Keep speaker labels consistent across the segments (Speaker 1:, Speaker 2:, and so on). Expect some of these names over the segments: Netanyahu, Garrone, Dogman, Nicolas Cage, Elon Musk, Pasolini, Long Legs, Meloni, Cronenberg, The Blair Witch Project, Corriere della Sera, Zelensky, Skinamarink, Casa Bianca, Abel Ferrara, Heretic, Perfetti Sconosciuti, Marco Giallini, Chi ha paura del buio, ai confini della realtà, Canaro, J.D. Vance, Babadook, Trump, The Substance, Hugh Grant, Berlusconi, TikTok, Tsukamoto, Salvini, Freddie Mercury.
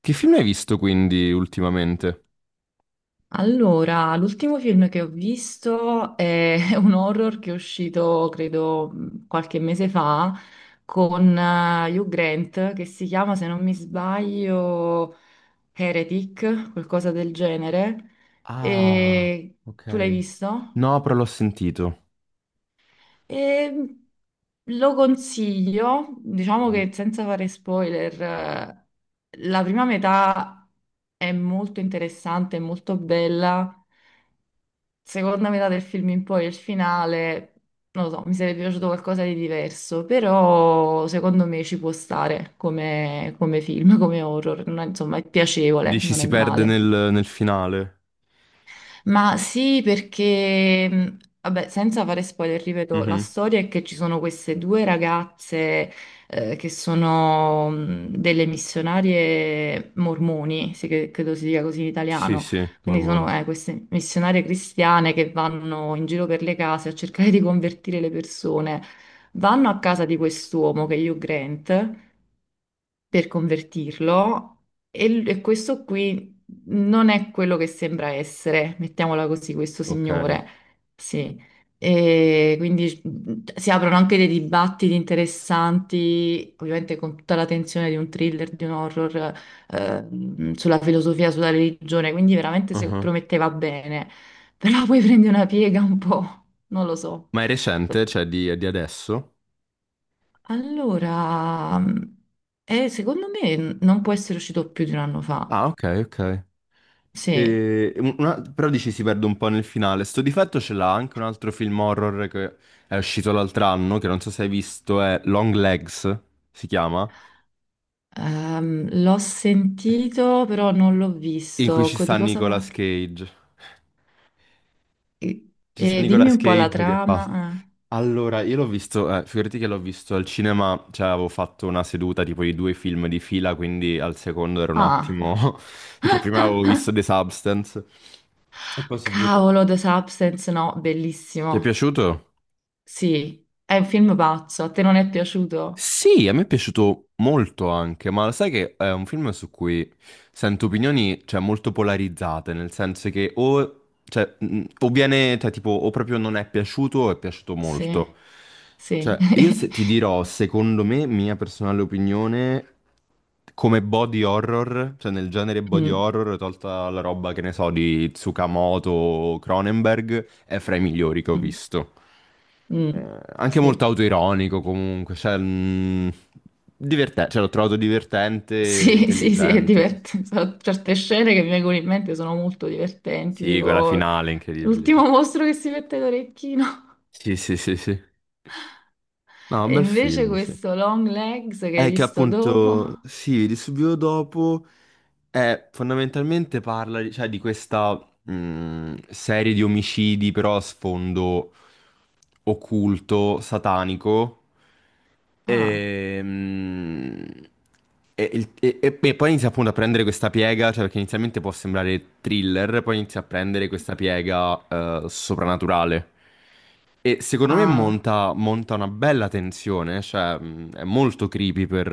Speaker 1: Che film hai visto quindi ultimamente?
Speaker 2: Allora, l'ultimo film che ho visto è un horror che è uscito, credo, qualche mese fa con Hugh Grant, che si chiama, se non mi sbaglio, Heretic, qualcosa del genere.
Speaker 1: Ah,
Speaker 2: E tu l'hai
Speaker 1: ok.
Speaker 2: visto?
Speaker 1: No, però l'ho sentito.
Speaker 2: E mm, Lo consiglio, diciamo
Speaker 1: Mhm.
Speaker 2: che senza fare spoiler, la prima metà è molto interessante, è molto bella. Seconda metà del film in poi, il finale, non lo so, mi sarebbe piaciuto qualcosa di diverso, però secondo me ci può stare come, come film, come horror. Non è- Insomma è piacevole,
Speaker 1: Dici
Speaker 2: non è
Speaker 1: si perde
Speaker 2: male.
Speaker 1: nel, nel finale.
Speaker 2: Ma sì, perché, vabbè, senza fare spoiler, ripeto, la
Speaker 1: Mhm.
Speaker 2: storia è che ci sono queste due ragazze che sono delle missionarie mormoni, sì, credo si dica così in
Speaker 1: Sì,
Speaker 2: italiano,
Speaker 1: sì,
Speaker 2: quindi
Speaker 1: Mormoni.
Speaker 2: sono queste missionarie cristiane che vanno in giro per le case a cercare di convertire le persone. Vanno a casa di quest'uomo che è Hugh Grant per convertirlo e, e questo qui non è quello che sembra essere, mettiamola così, questo
Speaker 1: Ok.
Speaker 2: signore. Sì. E quindi si aprono anche dei dibattiti interessanti, ovviamente con tutta la tensione di un thriller, di un horror, sulla filosofia, sulla religione, quindi veramente se
Speaker 1: Mhm.
Speaker 2: prometteva bene, però poi prende una piega un po', non lo so.
Speaker 1: Ma è recente? Cioè di, è di adesso?
Speaker 2: Allora, secondo me non può essere uscito più di un anno fa.
Speaker 1: Ah, ok, ok.
Speaker 2: Sì,
Speaker 1: Però dici si perde un po' nel finale. Sto difetto ce l'ha anche un altro film horror che è uscito l'altro anno, che non so se hai visto, è Long Legs, si chiama,
Speaker 2: l'ho sentito, però non l'ho
Speaker 1: in cui
Speaker 2: visto.
Speaker 1: ci sta
Speaker 2: Di cosa parla?
Speaker 1: Nicolas Cage.
Speaker 2: E,
Speaker 1: Ci sta
Speaker 2: e dimmi
Speaker 1: Nicolas
Speaker 2: un po' la
Speaker 1: Cage che fa.
Speaker 2: trama.
Speaker 1: Allora, io l'ho visto, figurati che l'ho visto al cinema, cioè avevo fatto una seduta tipo di due film di fila, quindi al secondo era un
Speaker 2: Ah,
Speaker 1: attimo, perché prima avevo visto The Substance. E poi si vede.
Speaker 2: cavolo, The Substance, no,
Speaker 1: Ti è
Speaker 2: bellissimo.
Speaker 1: piaciuto?
Speaker 2: Sì, è un film pazzo. A te non è piaciuto?
Speaker 1: Sì, a me è piaciuto molto anche, ma sai che è un film su cui sento opinioni, cioè, molto polarizzate, nel senso che o, cioè, o viene, tipo, o proprio non è piaciuto o è piaciuto molto.
Speaker 2: Sì, sì.
Speaker 1: Cioè, io se- ti dirò, secondo me, mia personale opinione, come body horror, cioè nel genere body
Speaker 2: Mm,
Speaker 1: horror, tolta la roba, che ne so, di Tsukamoto o Cronenberg, è fra i migliori che ho
Speaker 2: mm,
Speaker 1: visto.
Speaker 2: mm,
Speaker 1: Anche molto
Speaker 2: sì.
Speaker 1: autoironico comunque, cioè, divertente, cioè l'ho trovato divertente e
Speaker 2: Sì, sì, sì, è
Speaker 1: intelligente. Sì, sì.
Speaker 2: divertente. Sono certe scene che mi vengono in mente sono molto divertenti,
Speaker 1: Sì, quella
Speaker 2: tipo
Speaker 1: finale è incredibile.
Speaker 2: l'ultimo mostro che si mette l'orecchino.
Speaker 1: Sì, sì, sì, sì, sì. No, un
Speaker 2: E
Speaker 1: bel
Speaker 2: invece
Speaker 1: film, sì.
Speaker 2: questo Long Legs che hai
Speaker 1: È che
Speaker 2: visto dopo.
Speaker 1: appunto, sì, di subito dopo. Fondamentalmente parla, di cioè, di questa serie di omicidi, però a sfondo occulto, satanico.
Speaker 2: Ah,
Speaker 1: Ehm, e poi inizia appunto a prendere questa piega, cioè perché inizialmente può sembrare thriller, poi inizia a prendere questa piega soprannaturale. E secondo me
Speaker 2: ah.
Speaker 1: monta, monta una bella tensione, cioè è molto creepy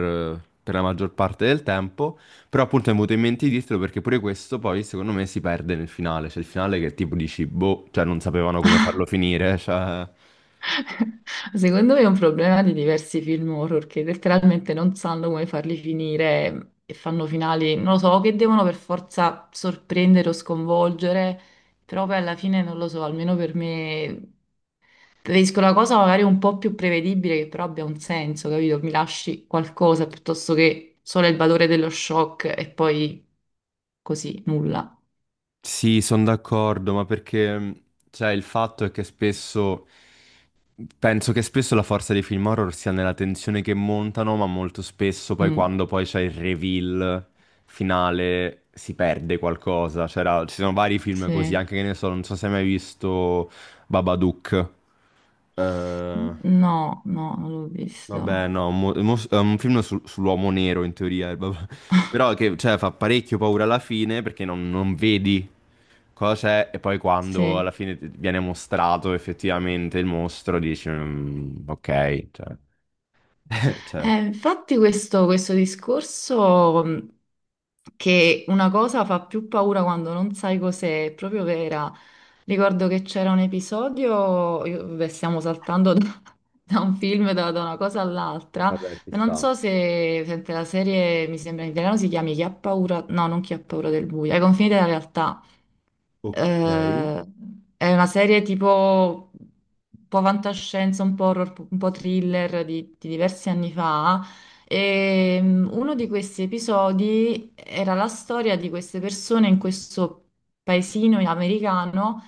Speaker 1: per la maggior parte del tempo. Però appunto mi è venuto in mente di dirtelo perché pure questo poi secondo me si perde nel finale. Cioè il finale che tipo dici, boh, cioè non sapevano come farlo finire. Cioè...
Speaker 2: Secondo me è un problema di diversi film horror che letteralmente non sanno come farli finire e fanno finali, non lo so, che devono per forza sorprendere o sconvolgere, però poi alla fine non lo so, almeno per me preferisco la cosa magari un po' più prevedibile che però abbia un senso, capito? Mi lasci qualcosa piuttosto che solo il valore dello shock e poi così, nulla.
Speaker 1: Sì, sono d'accordo, ma perché cioè il fatto è che spesso... Penso che spesso la forza dei film horror sia nella tensione che montano, ma molto spesso poi
Speaker 2: Mm,
Speaker 1: quando poi c'è il reveal finale si perde qualcosa. C'era, ci sono vari film così,
Speaker 2: sì.
Speaker 1: anche che ne so, non so se hai mai visto Babadook. Eh,
Speaker 2: No, no, non l'ho visto.
Speaker 1: Vabbè, no, è un film sull'uomo nero in teoria, vabbè. Però che cioè, fa parecchio paura alla fine perché non, non vedi cosa è e poi quando alla
Speaker 2: Sì.
Speaker 1: fine ti viene mostrato effettivamente il mostro dici "Mm, ok, cioè, cioè,
Speaker 2: Infatti questo, questo discorso che una cosa fa più paura quando non sai cos'è, è proprio vera. Ricordo che c'era un episodio, beh, stiamo saltando da, da un film, da, da una cosa all'altra,
Speaker 1: vabbè, ci
Speaker 2: ma non
Speaker 1: sta.
Speaker 2: so se, sempre la serie, mi sembra in italiano, si chiami "Chi ha paura", no, non "Chi ha paura del buio", "Ai confini della realtà".
Speaker 1: Ok.
Speaker 2: Eh, è una serie tipo un po' fantascienza, un po' horror, un po' thriller di diversi anni fa. E uno di questi episodi era la storia di queste persone in questo paesino americano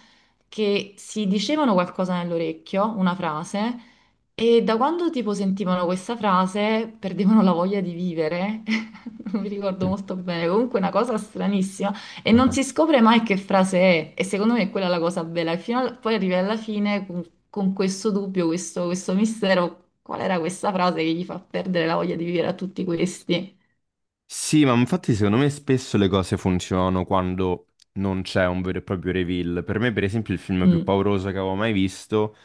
Speaker 2: che si dicevano qualcosa nell'orecchio, una frase, e da quando tipo sentivano questa frase perdevano la voglia di vivere. Non mi ricordo
Speaker 1: Mm.
Speaker 2: molto bene, comunque una cosa stranissima. E non
Speaker 1: Ah.
Speaker 2: si scopre mai che frase è, e secondo me è quella la cosa bella. E poi arrivi alla fine con questo dubbio, questo mistero, qual era questa frase che gli fa perdere la voglia di vivere a tutti questi?
Speaker 1: Sì, ma infatti secondo me spesso le cose funzionano quando non c'è un vero e proprio reveal. Per me, per esempio, il film più
Speaker 2: Mm,
Speaker 1: pauroso che avevo mai visto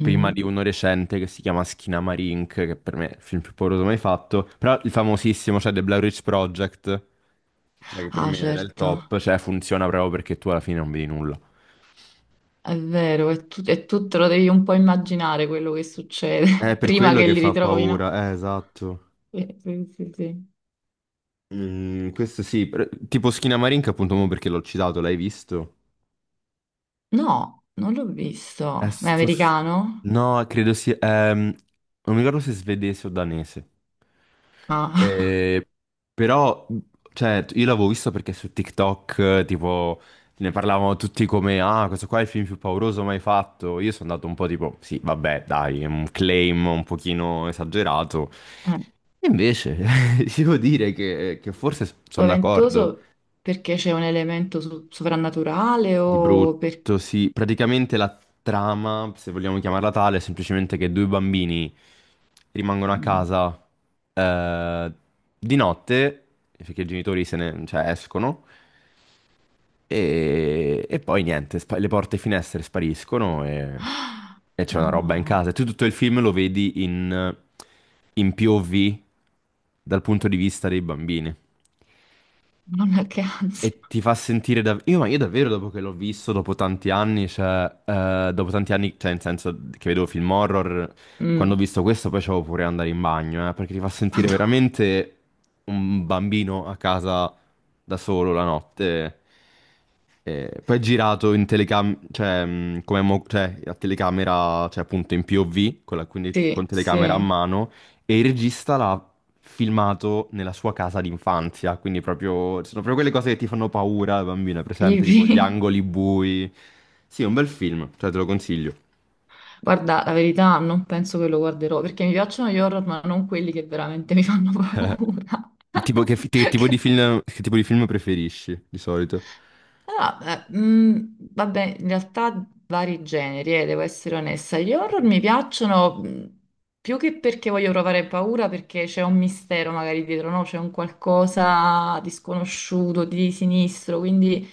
Speaker 1: prima di uno recente che si chiama Skinamarink, che per me è il film più pauroso mai fatto, però il famosissimo, cioè The Blair Witch Project, cioè che per
Speaker 2: Ah,
Speaker 1: me era il
Speaker 2: certo,
Speaker 1: top, cioè funziona proprio perché tu alla fine non vedi nulla.
Speaker 2: è vero, e tu te lo devi un po' immaginare quello che
Speaker 1: È
Speaker 2: succede
Speaker 1: per
Speaker 2: prima
Speaker 1: quello
Speaker 2: che
Speaker 1: che
Speaker 2: li
Speaker 1: fa
Speaker 2: ritrovino.
Speaker 1: paura, esatto.
Speaker 2: Sì, sì, sì, sì.
Speaker 1: Mm, questo sì, tipo Skinamarink appunto mo perché l'ho citato, l'hai visto?
Speaker 2: No, non l'ho
Speaker 1: Eh,
Speaker 2: visto. Ma è
Speaker 1: sto f-
Speaker 2: americano?
Speaker 1: No, credo sia... non mi ricordo se è svedese o danese.
Speaker 2: Ah.
Speaker 1: Eh, però, cioè, io l'avevo visto perché su TikTok, tipo, ne parlavano tutti come, ah, questo qua è il film più pauroso mai fatto. Io sono andato un po' tipo, sì, vabbè, dai, è un claim un pochino esagerato. Invece, devo dire che forse sono d'accordo.
Speaker 2: Spaventoso perché c'è un elemento sovrannaturale
Speaker 1: Di
Speaker 2: o per...
Speaker 1: brutto, sì. Praticamente la trama, se vogliamo chiamarla tale, è semplicemente che due bambini rimangono a
Speaker 2: Mm.
Speaker 1: casa eh, di notte, perché i genitori se ne, cioè, escono, e poi niente, le porte e finestre spariscono e c'è una roba in
Speaker 2: No,
Speaker 1: casa. E tu tutto il film lo vedi in, in POV dal punto di vista dei bambini.
Speaker 2: nonna che ansia.
Speaker 1: E ti fa sentire dav- io, ma io davvero dopo che l'ho visto, dopo tanti anni, cioè, dopo tanti anni, cioè, nel senso che vedevo film horror, quando ho
Speaker 2: Mm.
Speaker 1: visto questo poi c'avevo pure andare in bagno, perché ti fa sentire
Speaker 2: Madò.
Speaker 1: veramente un bambino a casa da solo la notte. Poi è girato in telecamera, cioè, a telecamera, cioè appunto in POV, quindi con
Speaker 2: Sì,
Speaker 1: telecamera a
Speaker 2: sì,
Speaker 1: mano, e il regista l'ha filmato nella sua casa d'infanzia, quindi proprio, sono proprio quelle cose che ti fanno paura da bambina, presente, tipo gli
Speaker 2: creepy.
Speaker 1: angoli bui. Sì, è un bel film, cioè te lo consiglio.
Speaker 2: Guarda, la verità, non penso che lo guarderò perché mi piacciono gli horror, ma non quelli che veramente mi fanno paura.
Speaker 1: Che tipo di film, che tipo di film preferisci di solito?
Speaker 2: Ah, beh, vabbè, in realtà vari generi, devo essere onesta. Gli horror mi piacciono più che perché voglio provare paura, perché c'è un mistero magari dietro, no? C'è un qualcosa di sconosciuto, di sinistro, quindi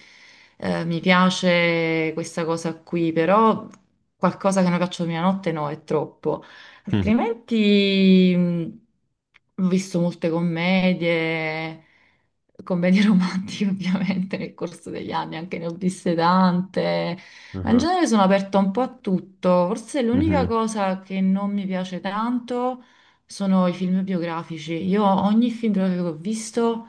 Speaker 2: mi piace questa cosa qui, però qualcosa che non faccio mia notte no, è troppo.
Speaker 1: Mhm,
Speaker 2: Altrimenti, ho visto molte commedie romantiche ovviamente nel corso degli anni, anche ne ho viste tante, ma in
Speaker 1: mhm,
Speaker 2: genere sono aperta un po' a tutto. Forse l'unica
Speaker 1: mhm.
Speaker 2: cosa che non mi piace tanto sono i film biografici. Io ogni film biografico che ho visto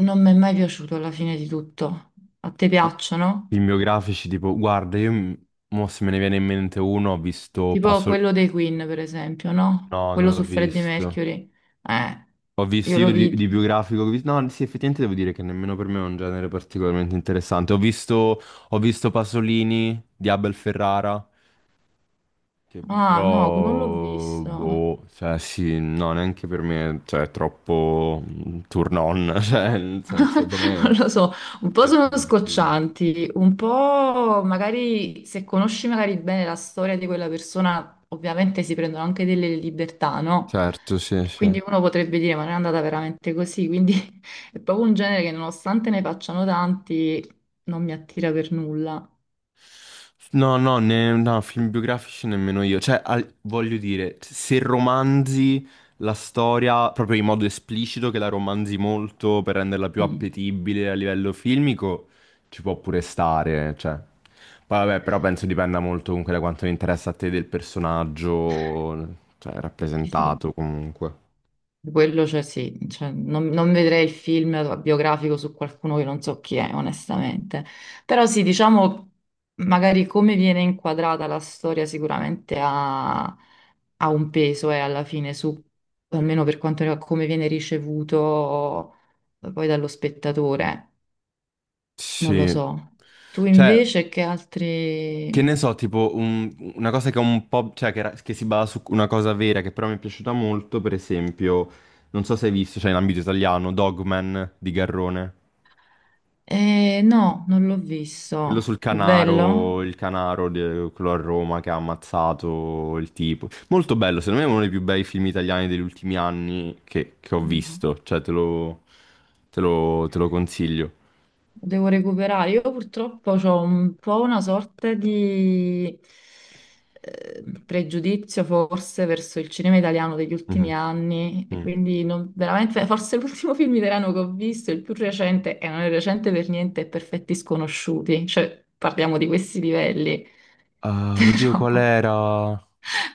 Speaker 2: non mi è mai piaciuto alla fine di tutto. A te piacciono?
Speaker 1: Film biografici, tipo, guarda, mo se me ne viene in mente uno, ho visto
Speaker 2: Tipo
Speaker 1: Passo...
Speaker 2: quello dei Queen, per esempio, no?
Speaker 1: No,
Speaker 2: Quello
Speaker 1: non l'ho
Speaker 2: su Freddie
Speaker 1: visto.
Speaker 2: Mercury. Eh,
Speaker 1: Ho visto
Speaker 2: io lo
Speaker 1: io di
Speaker 2: vidi.
Speaker 1: biografico, ho visto- no, sì, effettivamente devo dire che nemmeno per me è un genere particolarmente interessante. Ho visto Pasolini di Abel Ferrara, che
Speaker 2: Ah, no, non l'ho
Speaker 1: però,
Speaker 2: visto.
Speaker 1: boh, cioè sì, no, neanche per me, cioè è troppo turn on, cioè nel senso
Speaker 2: Non
Speaker 1: come,
Speaker 2: lo so, un po'
Speaker 1: come
Speaker 2: sono
Speaker 1: tipo di film.
Speaker 2: scoccianti, un po' magari se conosci magari bene la storia di quella persona, ovviamente si prendono anche delle libertà, no?
Speaker 1: Certo, sì, sì.
Speaker 2: Quindi uno potrebbe dire, ma non è andata veramente così, quindi è proprio un genere che nonostante ne facciano tanti, non mi attira per nulla.
Speaker 1: No, no, no, film biografici nemmeno io. Cioè, voglio dire, se romanzi la storia proprio in modo esplicito, che la romanzi molto per renderla più
Speaker 2: Mm,
Speaker 1: appetibile a livello filmico, ci può pure stare, cioè. Poi vabbè, però penso dipenda molto comunque da quanto interessa a te del personaggio, cioè,
Speaker 2: sì, sì.
Speaker 1: rappresentato comunque.
Speaker 2: Quello, cioè, sì, cioè, non, non vedrei il film biografico su qualcuno che non so chi è, onestamente. Però sì, diciamo, magari come viene inquadrata la storia sicuramente ha, ha un peso e alla fine su, almeno per quanto riguarda come viene ricevuto poi dallo spettatore, non lo
Speaker 1: Sì.
Speaker 2: so. Tu
Speaker 1: Cioè,
Speaker 2: invece che
Speaker 1: che ne
Speaker 2: altri...
Speaker 1: so, tipo una cosa che è un po', cioè che, che si basa su una cosa vera, che però mi è piaciuta molto, per esempio, non so se hai visto, cioè in ambito italiano, Dogman di Garrone.
Speaker 2: No, non l'ho
Speaker 1: Quello sul
Speaker 2: visto. È bello?
Speaker 1: Canaro, il Canaro, quello a Roma che ha ammazzato il tipo. Molto bello, secondo me è uno dei più bei film italiani degli ultimi anni che ho visto, cioè te lo, te lo, te lo consiglio.
Speaker 2: Devo recuperare. Io purtroppo ho un po' una sorta di pregiudizio forse verso il cinema italiano degli ultimi
Speaker 1: Mhm,
Speaker 2: anni e
Speaker 1: mm.
Speaker 2: quindi veramente forse l'ultimo film italiano che ho visto, il più recente, e non è recente per niente, è Perfetti Sconosciuti, cioè parliamo di questi livelli,
Speaker 1: Ah, oddio,
Speaker 2: però
Speaker 1: qual era?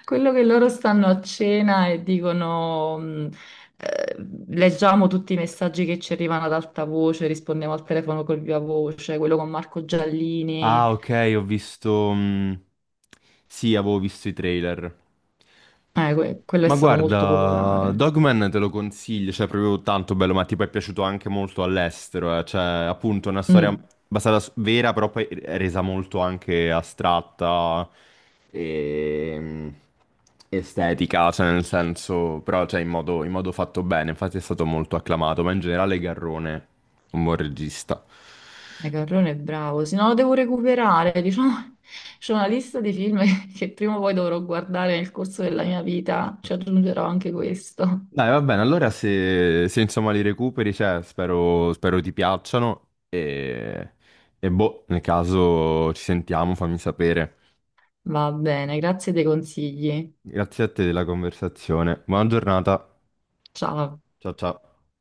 Speaker 2: quello che loro stanno a cena e dicono, eh, leggiamo tutti i messaggi che ci arrivano ad alta voce, rispondiamo al telefono col viva voce, quello con Marco Giallini,
Speaker 1: Ah, ok, ho visto... sì, avevo visto i trailer.
Speaker 2: quello è
Speaker 1: Ma
Speaker 2: stato molto
Speaker 1: guarda,
Speaker 2: popolare.
Speaker 1: Dogman te lo consiglio, cioè è proprio tanto bello, ma tipo è piaciuto anche molto all'estero, eh. Cioè, appunto, è una storia
Speaker 2: Mm,
Speaker 1: basata su vera, però poi è resa molto anche astratta e estetica, cioè nel senso, però cioè, in modo fatto bene, infatti è stato molto acclamato, ma in generale Garrone, un buon regista.
Speaker 2: e Carrone è bravo, se no lo devo recuperare, diciamo, c'è una lista di film che prima o poi dovrò guardare nel corso della mia vita, ci aggiungerò anche questo.
Speaker 1: Dai, va bene, allora se, se, insomma li recuperi, cioè, spero, spero ti piacciono e boh, nel caso ci sentiamo, fammi sapere.
Speaker 2: Va bene, grazie dei consigli.
Speaker 1: Grazie a te della conversazione. Buona giornata.
Speaker 2: Ciao.
Speaker 1: Ciao ciao.